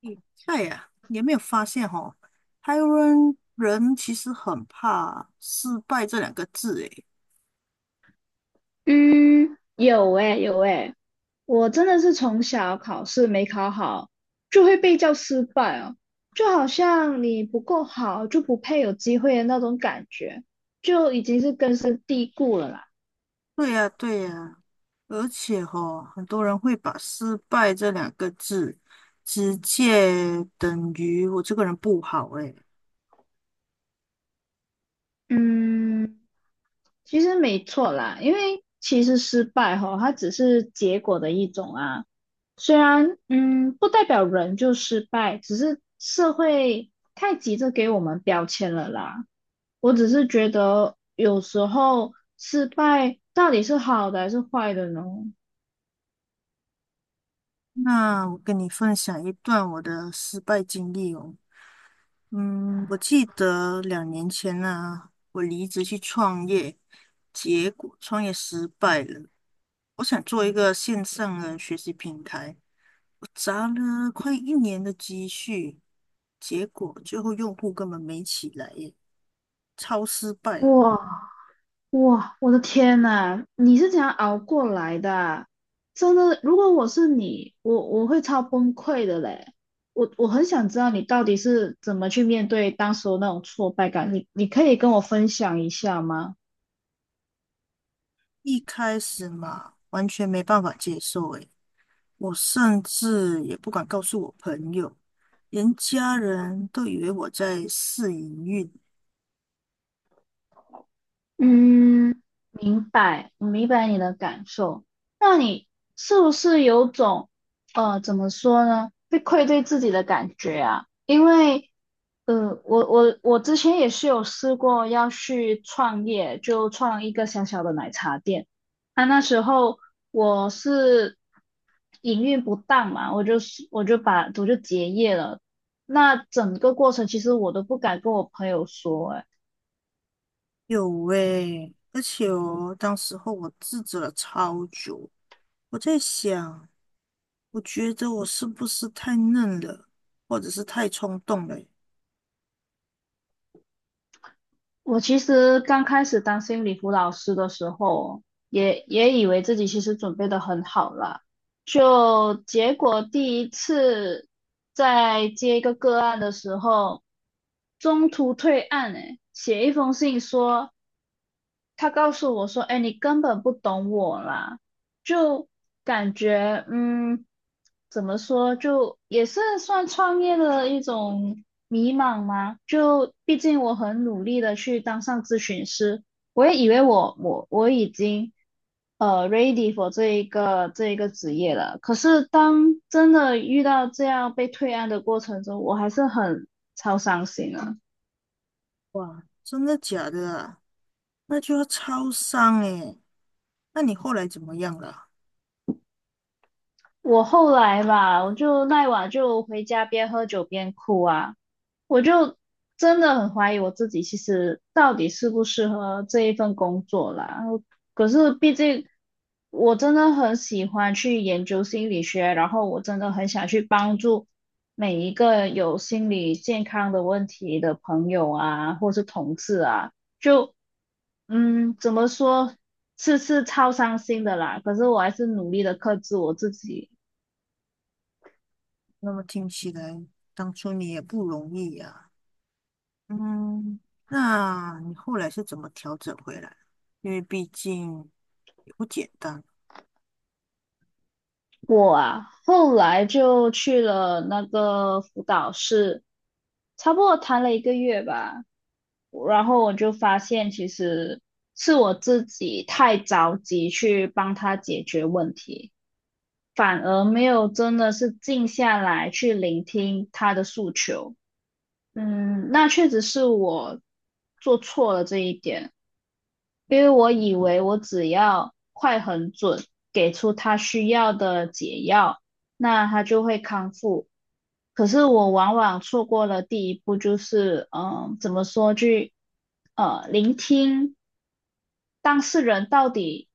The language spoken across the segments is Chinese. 你菜呀、你有没有发现哦？台湾人其实很怕失败这两个字，诶，嗯，有诶，有诶，我真的是从小考试没考好，就会被叫失败哦，就好像你不够好就不配有机会的那种感觉，就已经是根深蒂固了啦。对呀、对呀、而且哦，很多人会把失败这两个字直接等于我这个人不好，诶。嗯，其实没错啦，因为其实失败吼，它只是结果的一种啊，虽然不代表人就失败，只是社会太急着给我们标签了啦。我只是觉得有时候失败到底是好的还是坏的呢？那我跟你分享一段我的失败经历哦。我记得2年前呢、我离职去创业，结果创业失败了。我想做一个线上的学习平台，我砸了快一年的积蓄，结果最后用户根本没起来耶，超失败。哇哇，我的天呐，你是怎样熬过来的啊真的，如果我是你，我会超崩溃的嘞。我很想知道你到底是怎么去面对当时的那种挫败感，你可以跟我分享一下吗？一开始嘛，完全没办法接受诶，我甚至也不敢告诉我朋友，连家人都以为我在试营运。嗯，明白，我明白你的感受。那你是不是有种，怎么说呢，被愧对自己的感觉啊？因为，我之前也是有试过要去创业，就创一个小小的奶茶店。啊，那时候我是营运不当嘛，我就是我就把我就结业了。那整个过程其实我都不敢跟我朋友说，哎有喂，而且哦，当时候我自责了超久，我在想。我觉得我是不是太嫩了，或者是太冲动了欸。我其实刚开始当心理辅导师的时候，也以为自己其实准备的很好了，就结果第一次在接一个个案的时候，中途退案，诶，写一封信说他告诉我说："哎，你根本不懂我啦。"就感觉嗯，怎么说，就也是算创业的一种迷茫吗？就毕竟我很努力的去当上咨询师，我也以为我已经ready for 这一个职业了。可是当真的遇到这样被退案的过程中，我还是很超伤心啊。"哇，真的假的啊？那就要超商诶。那你后来怎么样了？我后来吧，我就那晚就回家边喝酒边哭啊，我就真的很怀疑我自己，其实到底适不适合这一份工作啦。可是毕竟我真的很喜欢去研究心理学，然后我真的很想去帮助每一个有心理健康的问题的朋友啊，或是同事啊，就嗯，怎么说？是超伤心的啦，可是我还是努力的克制我自己，那么听起来，当初你也不容易呀、嗯，那你后来是怎么调整回来？因为毕竟也不简单，我啊，后来就去了那个辅导室，差不多谈了一个月吧。然后我就发现，其实是我自己太着急去帮他解决问题，反而没有真的是静下来去聆听他的诉求。嗯，那确实是我做错了这一点，因为我以为我只要快很准，给出他需要的解药，那他就会康复。可是我往往错过了第一步，就是嗯，怎么说去聆听当事人到底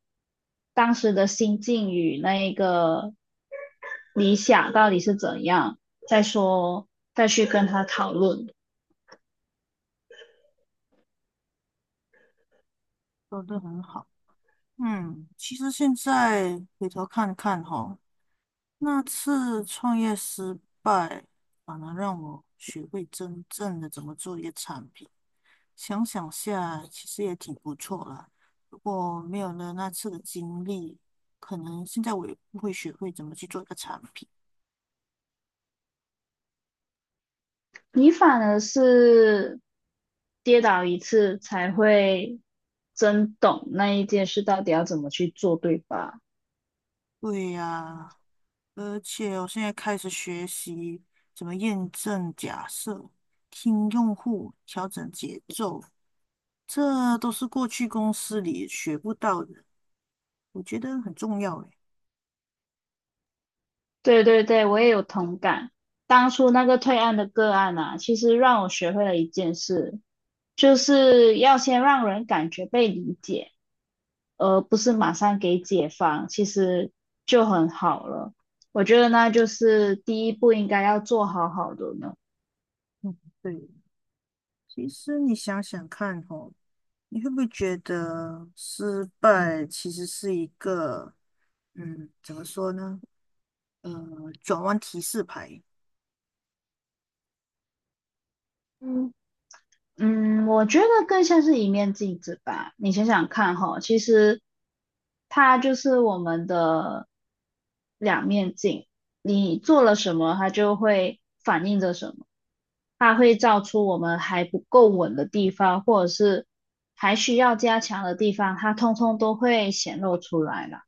当时的心境与那一个理想到底是怎样，再说再去跟他讨论。说得很好。其实现在回头看看哈，那次创业失败，反而让我学会真正的怎么做一个产品。想想下，其实也挺不错啦。如果没有了那次的经历，可能现在我也不会学会怎么去做一个产品。你反而是跌倒一次才会真懂那一件事到底要怎么去做，对吧？对呀，而且我现在开始学习怎么验证假设、听用户、调整节奏，这都是过去公司里学不到的，我觉得很重要诶。对对对，我也有同感。当初那个退案的个案啊，其实让我学会了一件事，就是要先让人感觉被理解，而不是马上给解放，其实就很好了。我觉得那就是第一步应该要做好好的呢。对。其实你想想看哦，你会不会觉得失败其实是一个，嗯，怎么说呢？呃，转弯提示牌。嗯。嗯，我觉得更像是一面镜子吧。你想想看哈，其实它就是我们的两面镜。你做了什么，它就会反映着什么，它会照出我们还不够稳的地方，或还需要加强的地方，它通通都会显露出来啦。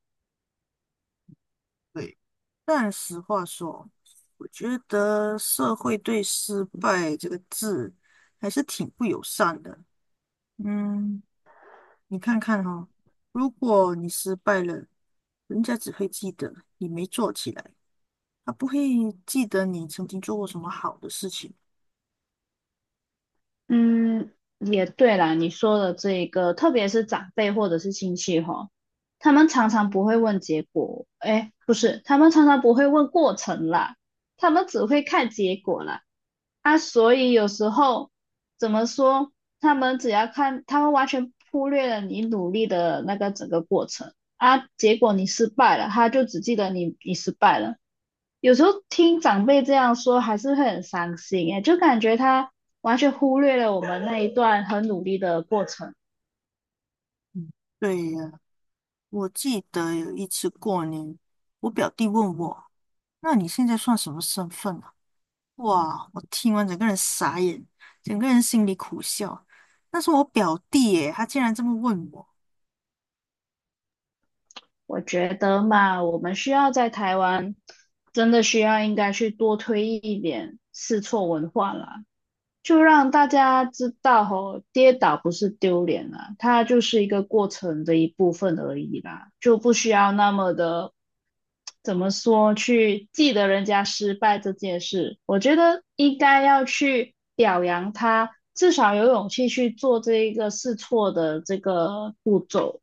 对，但实话说，我觉得社会对“失败”这个字还是挺不友善的。嗯，你看看哦，如果你失败了，人家只会记得你没做起来，他不会记得你曾经做过什么好的事情。嗯，也对啦，你说的这一个，特别是长辈或者是亲戚哈，他们常常不会问结果，哎，不是，他们常常不会问过程啦，他们只会看结果啦。啊，所以有时候怎么说，他们只要看，他们完全忽略了你努力的那个整个过程啊，结果你失败了，他就只记得你失败了。有时候听长辈这样说，还是会很伤心诶，就感觉他完全忽略了我们那一段很努力的过程。嗯。对呀，我记得有一次过年，我表弟问我：“那你现在算什么身份啊？”哇，我听完整个人傻眼，整个人心里苦笑。那是我表弟耶，他竟然这么问我。我觉得嘛，我们需要在台湾真的需要应该去多推一点试错文化啦。就让大家知道吼，跌倒不是丢脸啊，它就是一个过程的一部分而已啦，就不需要那么的，怎么说，去记得人家失败这件事。我觉得应该要去表扬他，至少有勇气去做这一个试错的这个步骤。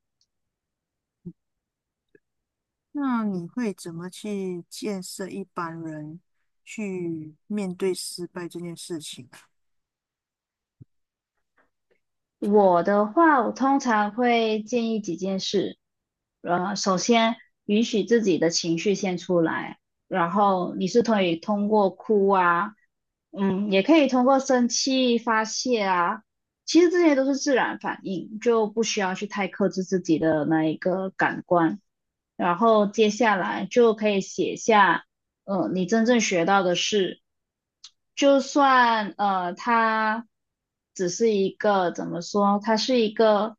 那你会怎么去建设一般人去面对失败这件事情啊？我的话，我通常会建议几件事。首先允许自己的情绪先出来，然后你是可以通过哭啊，嗯，也可以通过生气发泄啊。其实这些都是自然反应，就不需要去太克制自己的那一个感官。然后接下来就可以写下。嗯，你真正学到的是，就算它只是一个怎么说？它是一个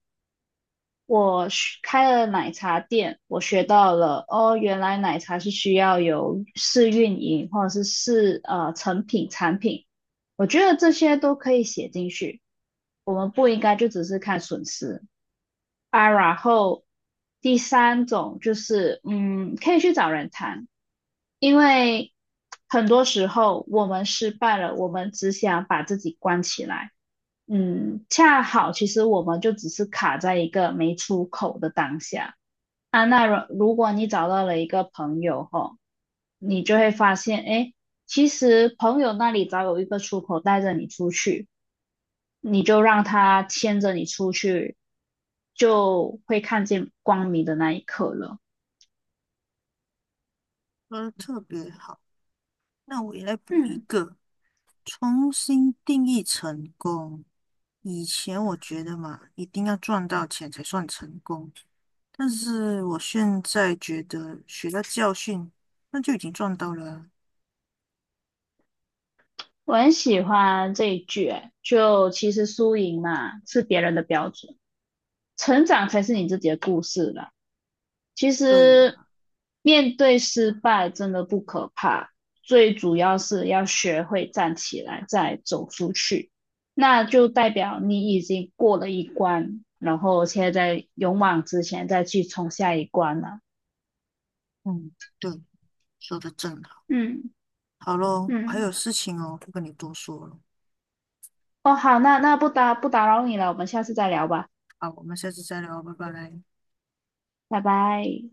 我学开了奶茶店，我学到了哦，原来奶茶是需要有试运营或者是试成品产品，我觉得这些都可以写进去，我们不应该就只是看损失。啊，然后第三种就是，嗯，可以去找人谈，因为很多时候我们失败了，我们只想把自己关起来，嗯，恰好其实我们就只是卡在一个没出口的当下啊。那如果你找到了一个朋友吼，你就会发现，哎，其实朋友那里早有一个出口带着你出去。你就让他牵着你出去，就会看见光明的那一刻了。说的特别好，那我也来补一嗯，个。重新定义成功。以前我觉得嘛，一定要赚到钱才算成功，但是我现在觉得学到教训，那就已经赚到了啊。我很喜欢这一句，欸就其实输赢嘛是别人的标准，成长才是你自己的故事啦。其对实呀，面对失败真的不可怕，最主要是要学会站起来，再走出去。那就代表你已经过了一关，然后现在勇往直前，再去冲下一关了。嗯，对，说的正好。嗯好咯，嗯，还有事情哦，不跟你多说了。哦，好，那不打扰你了，我们下次再聊吧，好，我们下次再聊，拜拜。拜拜。